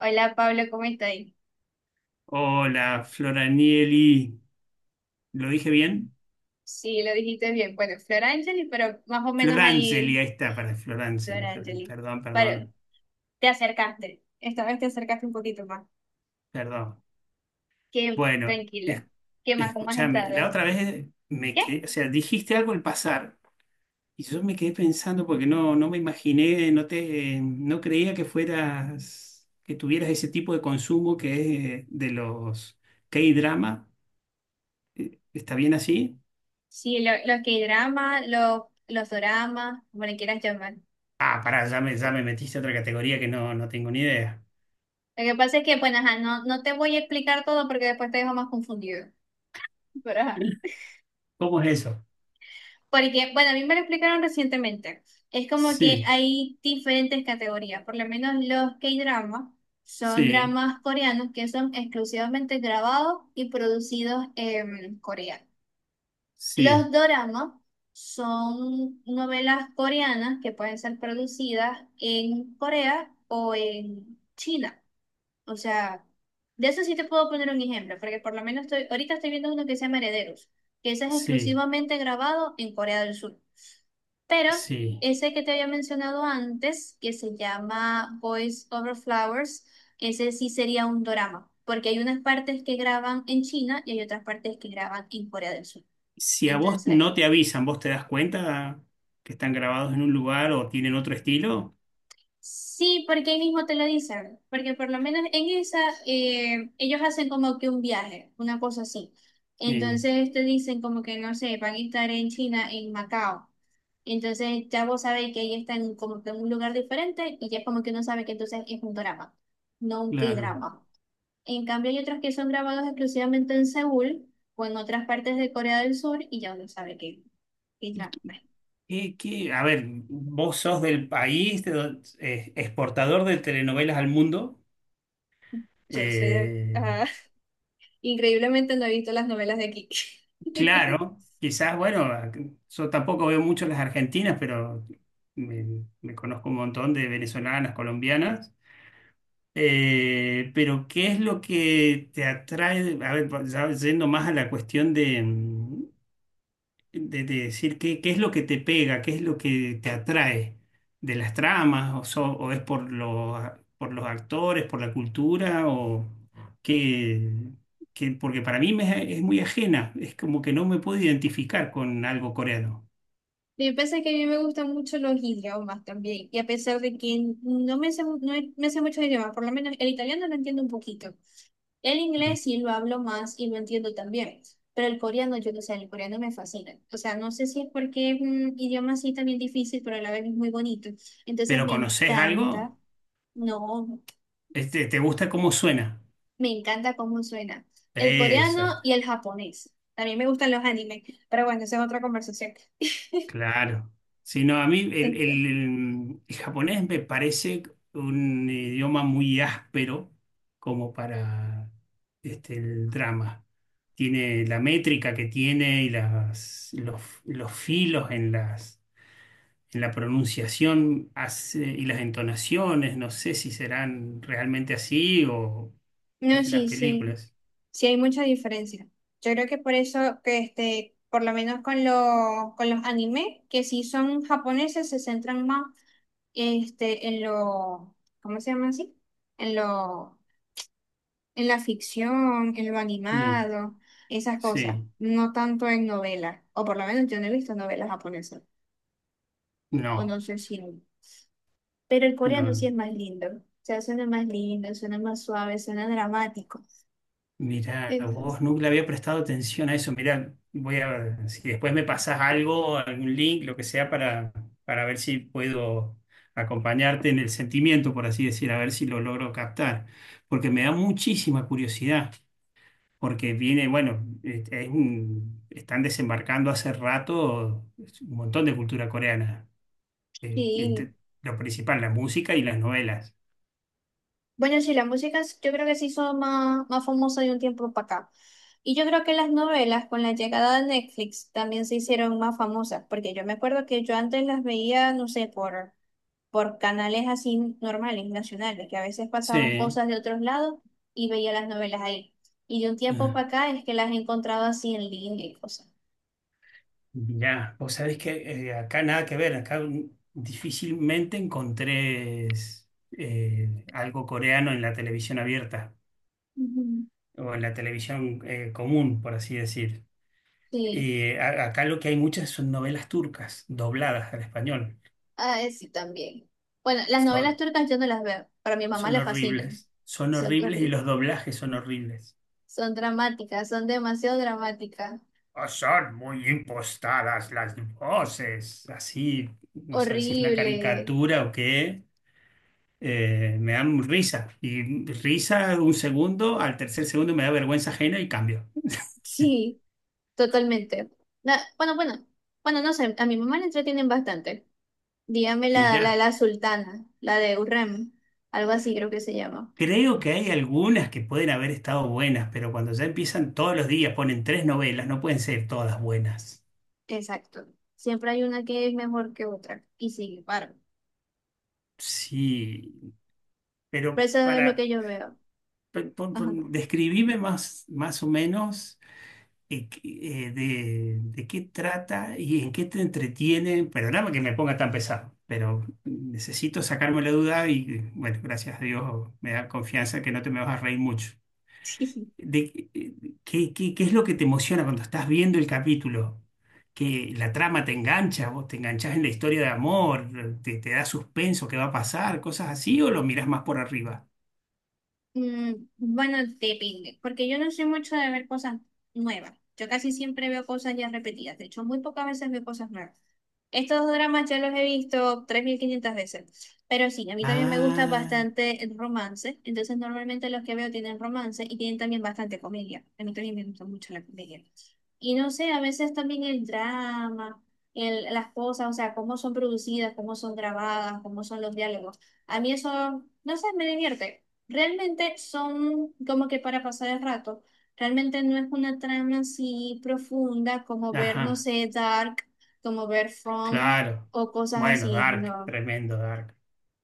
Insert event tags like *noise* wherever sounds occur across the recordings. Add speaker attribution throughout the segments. Speaker 1: Hola Pablo, ¿cómo estás?
Speaker 2: Hola, Floranieli. ¿Lo dije bien?
Speaker 1: Sí, lo dijiste bien. Bueno, Flor Angeli, pero más o menos
Speaker 2: Florangeli,
Speaker 1: ahí,
Speaker 2: ahí está, para
Speaker 1: Flor
Speaker 2: Florangeli. Floran-
Speaker 1: Angeli.
Speaker 2: Perdón,
Speaker 1: Pero
Speaker 2: perdón,
Speaker 1: te acercaste. Esta vez te acercaste un poquito más.
Speaker 2: perdón.
Speaker 1: Qué
Speaker 2: Bueno,
Speaker 1: tranquilo.
Speaker 2: es-
Speaker 1: ¿Qué más? ¿Cómo has
Speaker 2: escúchame, la
Speaker 1: estado?
Speaker 2: otra vez me
Speaker 1: ¿Qué?
Speaker 2: quedé, o sea, dijiste algo al pasar y yo me quedé pensando porque no me imaginé, no te, no creía que fueras, que tuvieras ese tipo de consumo que es de los K-drama. ¿Está bien así?
Speaker 1: Sí, los K-dramas, los doramas, como le quieras llamar.
Speaker 2: Ah, pará, ya me metiste a otra categoría que no tengo ni idea.
Speaker 1: Lo que pasa es que, bueno, ajá, no te voy a explicar todo porque después te dejo más confundido. *laughs* Pero ajá.
Speaker 2: ¿Cómo es eso?
Speaker 1: Porque, bueno, a mí me lo explicaron recientemente. Es como que
Speaker 2: Sí.
Speaker 1: hay diferentes categorías. Por lo menos los K-dramas son
Speaker 2: Sí,
Speaker 1: dramas coreanos que son exclusivamente grabados y producidos en Corea. Los
Speaker 2: sí,
Speaker 1: doramas son novelas coreanas que pueden ser producidas en Corea o en China. O sea, de eso sí te puedo poner un ejemplo, porque por lo menos estoy, ahorita estoy viendo uno que se llama Herederos, que ese es
Speaker 2: sí,
Speaker 1: exclusivamente grabado en Corea del Sur. Pero
Speaker 2: sí.
Speaker 1: ese que te había mencionado antes, que se llama Boys Over Flowers, ese sí sería un dorama, porque hay unas partes que graban en China y hay otras partes que graban en Corea del Sur.
Speaker 2: Si a vos
Speaker 1: Entonces.
Speaker 2: no te avisan, ¿vos te das cuenta que están grabados en un lugar o tienen otro estilo?
Speaker 1: Sí, porque ahí mismo te lo dicen, porque por lo menos en esa ellos hacen como que un viaje, una cosa así.
Speaker 2: Sí,
Speaker 1: Entonces te dicen como que no sé, van a estar en China, en Macao. Entonces ya vos sabés que ahí están como que en un lugar diferente y ya es como que uno sabe que entonces es un drama, no un
Speaker 2: claro.
Speaker 1: K-drama. En cambio hay otros que son grabados exclusivamente en Seúl o en otras partes de Corea del Sur y ya uno sabe que es drama.
Speaker 2: ¿Y A ver, vos sos del país exportador de telenovelas al mundo.
Speaker 1: Yo sé,
Speaker 2: Eh,
Speaker 1: ajá. Increíblemente no he visto las novelas de aquí. *laughs*
Speaker 2: claro, quizás, bueno, yo tampoco veo mucho las argentinas, pero me conozco un montón de venezolanas, colombianas. Pero, ¿qué es lo que te atrae? A ver, ya yendo más a la cuestión de, de decir qué, qué es lo que te pega, qué es lo que te atrae de las tramas, o es por los actores, por la cultura, o qué, qué- porque para mí me, es muy ajena, es como que no me puedo identificar con algo coreano.
Speaker 1: Yo pensé que a mí me gustan mucho los idiomas también, y a pesar de que no me sé, no me sé muchos idiomas, por lo menos el italiano lo entiendo un poquito. El inglés sí lo hablo más y lo entiendo también, pero el coreano, yo no sé, el coreano me fascina. O sea, no sé si es porque es un idioma así también difícil, pero a la vez es muy bonito. Entonces
Speaker 2: ¿Pero
Speaker 1: me
Speaker 2: conoces
Speaker 1: encanta,
Speaker 2: algo?
Speaker 1: no,
Speaker 2: Este, ¿te gusta cómo suena?
Speaker 1: me encanta cómo suena. El
Speaker 2: Eso.
Speaker 1: coreano y el japonés. También me gustan los animes, pero bueno, esa es otra conversación.
Speaker 2: Claro. Sí, no, a mí
Speaker 1: Este,
Speaker 2: el japonés me parece un idioma muy áspero como para este, el drama. Tiene la métrica que tiene y las, los filos en las, en la pronunciación hace- y las entonaciones. No sé si serán realmente así o
Speaker 1: no,
Speaker 2: en las
Speaker 1: sí, sí,
Speaker 2: películas.
Speaker 1: sí hay mucha diferencia. Yo creo que por eso que por lo menos con los anime, que sí son japoneses, se centran más en lo, ¿cómo se llama así? En lo, en la ficción, en lo
Speaker 2: Sí,
Speaker 1: animado, esas cosas,
Speaker 2: sí,
Speaker 1: no tanto en novelas, o por lo menos yo no he visto novelas japonesas, o
Speaker 2: no,
Speaker 1: no sé si hay. Pero el coreano
Speaker 2: no.
Speaker 1: sí es más lindo, o sea, suena más lindo, suena más suave, suena dramático.
Speaker 2: Mirá,
Speaker 1: Entonces,
Speaker 2: vos nunca le había prestado atención a eso. Mirá, voy a ver si después me pasás algo, algún link, lo que sea, para ver si puedo acompañarte en el sentimiento, por así decir, a ver si lo logro captar. Porque me da muchísima curiosidad, porque viene, bueno, están desembarcando hace rato un montón de cultura coreana. Eh,
Speaker 1: sí.
Speaker 2: entre- lo principal, la música y las novelas.
Speaker 1: Bueno, sí, la música yo creo que se hizo más, más famosa de un tiempo para acá. Y yo creo que las novelas con la llegada de Netflix también se hicieron más famosas, porque yo me acuerdo que yo antes las veía, no sé, por canales así normales, nacionales, que a veces pasaban
Speaker 2: Sí.
Speaker 1: cosas de otros lados y veía las novelas ahí. Y de un tiempo para acá es que las he encontrado así en línea y cosas.
Speaker 2: Ya, vos sabés que acá nada que ver, difícilmente algo coreano en la televisión abierta
Speaker 1: Ujú.
Speaker 2: o en la televisión común, por así decir.
Speaker 1: Sí,
Speaker 2: Y acá lo que hay muchas son novelas turcas dobladas al español.
Speaker 1: sí, también. Bueno, las novelas
Speaker 2: Son,
Speaker 1: turcas yo no las veo, pero a mi mamá le fascinan.
Speaker 2: son horribles y los doblajes son horribles.
Speaker 1: Son dramáticas, son demasiado dramáticas.
Speaker 2: "Ah, son muy impostadas las voces. Así, no sabes si es una
Speaker 1: Horrible.
Speaker 2: caricatura o qué me dan risa. Y risa un segundo, al tercer segundo me da vergüenza ajena y cambio.
Speaker 1: Sí, totalmente. Bueno, bueno, bueno, no sé, a mi mamá le entretienen bastante. Dígame la, la,
Speaker 2: Mirá,
Speaker 1: la sultana, la de Urrem, algo así creo que se llama.
Speaker 2: creo que hay algunas que pueden haber estado buenas, pero cuando ya empiezan todos los días, ponen tres novelas, no pueden ser todas buenas.
Speaker 1: Exacto. Siempre hay una que es mejor que otra y sigue, paro.
Speaker 2: Sí, pero
Speaker 1: Pero eso es lo
Speaker 2: para,
Speaker 1: que yo veo. Ajá.
Speaker 2: describime más, más o menos. eh, qué- de qué trata y en qué te entretiene. Perdóname que me ponga tan pesado, pero necesito sacarme la duda y bueno, gracias a Dios me da confianza que no te me vas a reír mucho.
Speaker 1: *laughs*
Speaker 2: De, qué, ¿qué es lo que te emociona cuando estás viendo el capítulo? Que la trama te engancha, vos te enganchás en la historia de amor, te da suspenso, qué va a pasar, cosas así, o lo mirás más por arriba.
Speaker 1: Mm, bueno, depende, porque yo no soy mucho de ver cosas nuevas. Yo casi siempre veo cosas ya repetidas. De hecho, muy pocas veces veo cosas nuevas. Estos dramas ya los he visto 3.500 veces, pero sí, a mí también me gusta
Speaker 2: Ah,
Speaker 1: bastante el romance, entonces normalmente los que veo tienen romance y tienen también bastante comedia, a mí también me gusta mucho la comedia. Y no sé, a veces también el drama, el, las cosas, o sea, cómo son producidas, cómo son grabadas, cómo son los diálogos, a mí eso, no sé, me divierte. Realmente son como que para pasar el rato. Realmente no es una trama así profunda como ver, no
Speaker 2: ajá,
Speaker 1: sé, Dark, como ver From
Speaker 2: claro.
Speaker 1: o cosas
Speaker 2: Bueno,
Speaker 1: así,
Speaker 2: Dark,
Speaker 1: no,
Speaker 2: tremendo Dark.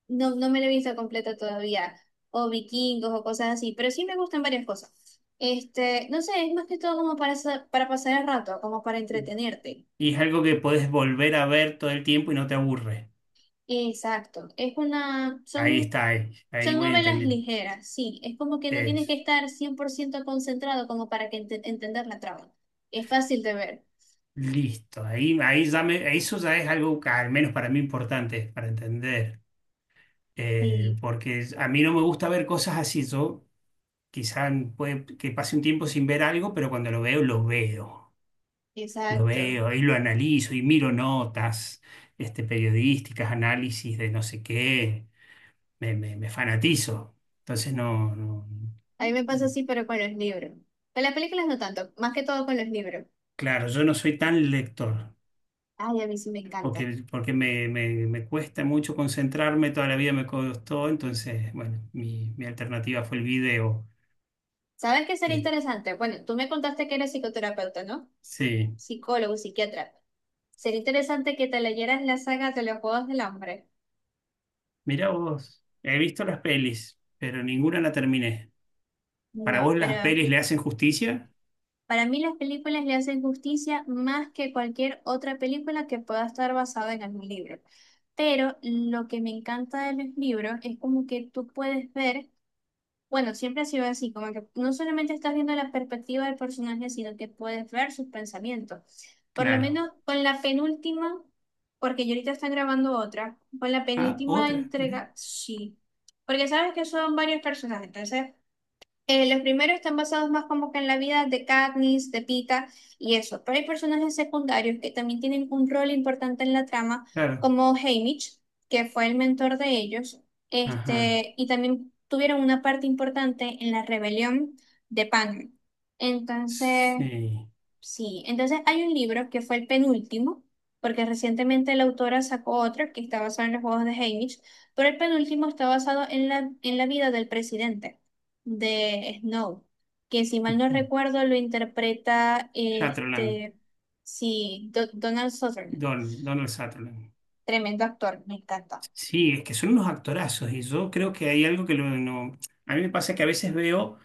Speaker 1: no, no me la he visto completa todavía, o vikingos o cosas así, pero sí me gustan varias cosas. Este, no sé, es más que todo como para, para pasar el rato, como para entretenerte.
Speaker 2: ¿Y es algo que podés volver a ver todo el tiempo y no te aburre?
Speaker 1: Exacto, es una,
Speaker 2: Ahí
Speaker 1: son,
Speaker 2: está, ahí, ahí
Speaker 1: son
Speaker 2: voy
Speaker 1: novelas
Speaker 2: entendiendo.
Speaker 1: ligeras, sí, es como que no tienes que
Speaker 2: Es
Speaker 1: estar 100% concentrado como para que entender la trama. Es fácil de ver.
Speaker 2: listo. Ahí, eso ya es algo que, al menos para mí importante para entender.
Speaker 1: Sí,
Speaker 2: Porque a mí no me gusta ver cosas así. Yo quizás puede que pase un tiempo sin ver algo, pero cuando lo veo, lo veo. Lo
Speaker 1: exacto.
Speaker 2: veo y lo analizo y miro notas, este, periodísticas, análisis de no sé qué. Me fanatizo. Entonces no, no.
Speaker 1: A mí me pasa así, pero con los libros. Con las películas no tanto, más que todo con los libros.
Speaker 2: Claro, yo no soy tan lector,
Speaker 1: Ay, a mí sí me encanta.
Speaker 2: porque, porque me cuesta mucho concentrarme, toda la vida me costó, entonces, bueno, mi alternativa fue el video.
Speaker 1: ¿Sabes qué sería
Speaker 2: Eh,
Speaker 1: interesante? Bueno, tú me contaste que eres psicoterapeuta, ¿no?
Speaker 2: sí,
Speaker 1: Psicólogo, psiquiatra. Sería interesante que te leyeras la saga de los Juegos del Hambre.
Speaker 2: mirá vos, he visto las pelis, pero ninguna la terminé. ¿Para
Speaker 1: No,
Speaker 2: vos las
Speaker 1: pero
Speaker 2: pelis le hacen justicia?
Speaker 1: para mí las películas le hacen justicia más que cualquier otra película que pueda estar basada en algún libro. Pero lo que me encanta de los libros es como que tú puedes ver, bueno, siempre ha sido así, como que no solamente estás viendo la perspectiva del personaje, sino que puedes ver sus pensamientos. Por lo
Speaker 2: Claro.
Speaker 1: menos con la penúltima, porque yo ahorita están grabando otra, con la
Speaker 2: Ah,
Speaker 1: penúltima
Speaker 2: otra, mirá,
Speaker 1: entrega, sí. Porque sabes que son varios personajes, entonces los primeros están basados más como que en la vida de Katniss, de Pita y eso, pero hay personajes secundarios que también tienen un rol importante en la trama,
Speaker 2: claro.
Speaker 1: como Haymitch, que fue el mentor de ellos,
Speaker 2: Ajá,
Speaker 1: y también tuvieron una parte importante en la rebelión de Pan. Entonces.
Speaker 2: sí.
Speaker 1: Sí, entonces hay un libro que fue el penúltimo, porque recientemente la autora sacó otro que está basado en los juegos de Haymitch, pero el penúltimo está basado en la vida del presidente de Snow, que si mal no recuerdo lo interpreta
Speaker 2: Sutherland,
Speaker 1: este, sí, Donald Sutherland,
Speaker 2: Don, Donald Sutherland.
Speaker 1: tremendo actor, me encanta.
Speaker 2: Sí, es que son unos actorazos y yo creo que hay algo que lo, no... A mí me pasa que a veces veo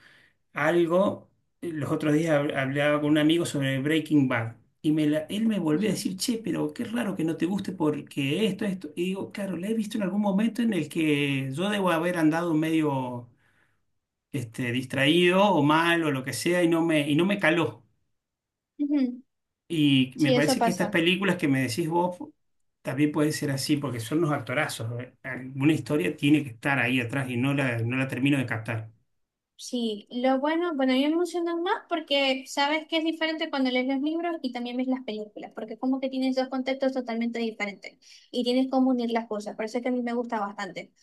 Speaker 2: algo, los otros días hablaba con un amigo sobre Breaking Bad y él me volvió a
Speaker 1: Ujú.
Speaker 2: decir, che, pero qué raro que no te guste porque esto, esto. Y digo, claro, la he visto en algún momento en el que yo debo haber andado medio este, distraído o mal o lo que sea y y no me caló.
Speaker 1: Ujú.
Speaker 2: Y me
Speaker 1: Sí, eso
Speaker 2: parece que estas
Speaker 1: pasa.
Speaker 2: películas que me decís vos también pueden ser así porque son unos actorazos. ¿Eh? Alguna historia tiene que estar ahí atrás y no la termino de captar.
Speaker 1: Sí, lo bueno, bueno, a mí me emocionan más porque sabes que es diferente cuando lees los libros y también ves las películas, porque como que tienes dos contextos totalmente diferentes y tienes cómo unir las cosas, por eso es que a mí me gusta bastante.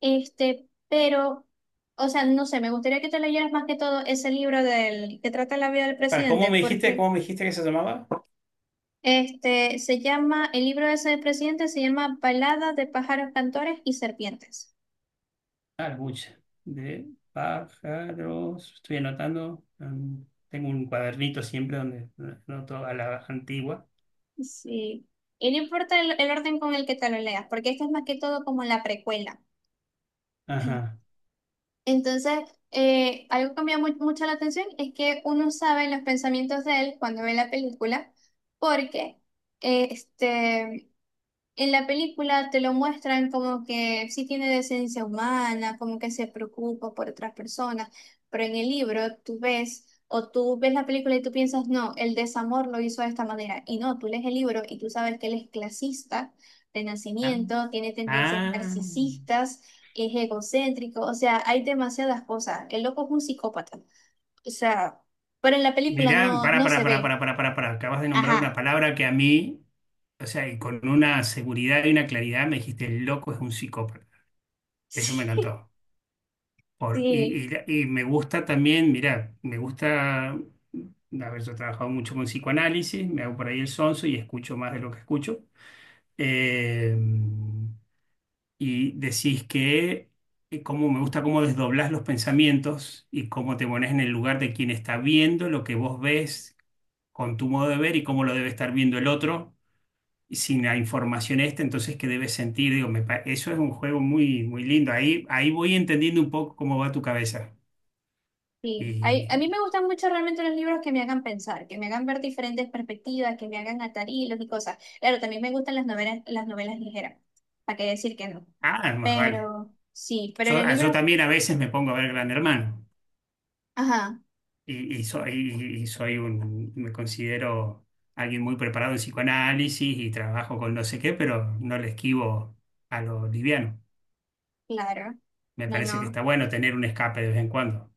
Speaker 1: Este, pero, o sea, no sé, me gustaría que te leyeras más que todo ese libro del que trata la vida del
Speaker 2: Para,
Speaker 1: presidente, porque
Speaker 2: cómo me dijiste que se llamaba?
Speaker 1: este se llama, el libro ese del presidente se llama Balada de pájaros cantores y serpientes.
Speaker 2: Claro, mucha. De pájaros. Estoy anotando. Tengo un cuadernito siempre donde anoto a la antigua.
Speaker 1: Sí. Y no importa el orden con el que te lo leas, porque esto es más que todo como la precuela.
Speaker 2: Ajá.
Speaker 1: Entonces, algo que me llama mucho la atención es que uno sabe los pensamientos de él cuando ve la película, porque eh, este, en la película te lo muestran como que sí tiene decencia humana, como que se preocupa por otras personas, pero en el libro tú ves o tú ves la película y tú piensas, no, el desamor lo hizo de esta manera. Y no, tú lees el libro y tú sabes que él es clasista de
Speaker 2: Ah,
Speaker 1: nacimiento, tiene tendencias
Speaker 2: ah.
Speaker 1: narcisistas, es egocéntrico, o sea, hay demasiadas cosas. El loco es un psicópata. O sea, pero en la película
Speaker 2: Mirá,
Speaker 1: no, no se ve.
Speaker 2: para, para. Acabas de nombrar una
Speaker 1: Ajá.
Speaker 2: palabra que a mí, o sea, y con una seguridad y una claridad me dijiste, el loco es un psicópata. Eso me
Speaker 1: *laughs*
Speaker 2: encantó. Por,
Speaker 1: Sí,
Speaker 2: y, y me gusta también, mirá, me gusta haber yo he trabajado mucho con psicoanálisis, me hago por ahí el sonso y escucho más de lo que escucho. eh, y decís que cómo me gusta cómo desdoblás los pensamientos y cómo te pones en el lugar de quien está viendo lo que vos ves con tu modo de ver y cómo lo debe estar viendo el otro y sin la información esta, entonces qué debes sentir. Digo, eso es un juego muy, muy lindo. Ahí, ahí voy entendiendo un poco cómo va tu cabeza.
Speaker 1: sí, a mí
Speaker 2: Y,
Speaker 1: me gustan mucho realmente los libros que me hagan pensar, que me hagan ver diferentes perspectivas, que me hagan atar hilos y cosas. Claro, también me gustan las novelas ligeras, ¿para qué decir que no?
Speaker 2: ah, más vale.
Speaker 1: Pero sí, pero
Speaker 2: Yo,
Speaker 1: los
Speaker 2: ah, yo
Speaker 1: libros,
Speaker 2: también a veces me pongo a ver Gran Hermano.
Speaker 1: ajá,
Speaker 2: Y, y soy un, me considero alguien muy preparado en psicoanálisis y trabajo con no sé qué, pero no le esquivo a lo liviano.
Speaker 1: claro,
Speaker 2: Me
Speaker 1: no,
Speaker 2: parece que
Speaker 1: no,
Speaker 2: está bueno tener un escape de vez en cuando.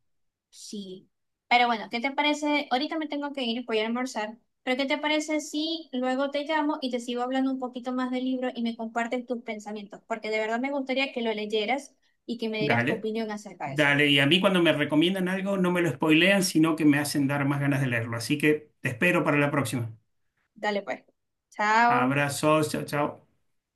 Speaker 1: sí. Pero bueno, ¿qué te parece? Ahorita me tengo que ir, voy a almorzar, pero ¿qué te parece si luego te llamo y te sigo hablando un poquito más del libro y me compartes tus pensamientos? Porque de verdad me gustaría que lo leyeras y que me dieras tu
Speaker 2: Dale,
Speaker 1: opinión acerca de eso.
Speaker 2: dale. Y a mí cuando me recomiendan algo no me lo spoilean, sino que me hacen dar más ganas de leerlo. Así que te espero para la próxima.
Speaker 1: Dale pues. Chao.
Speaker 2: Abrazos, chao, chao.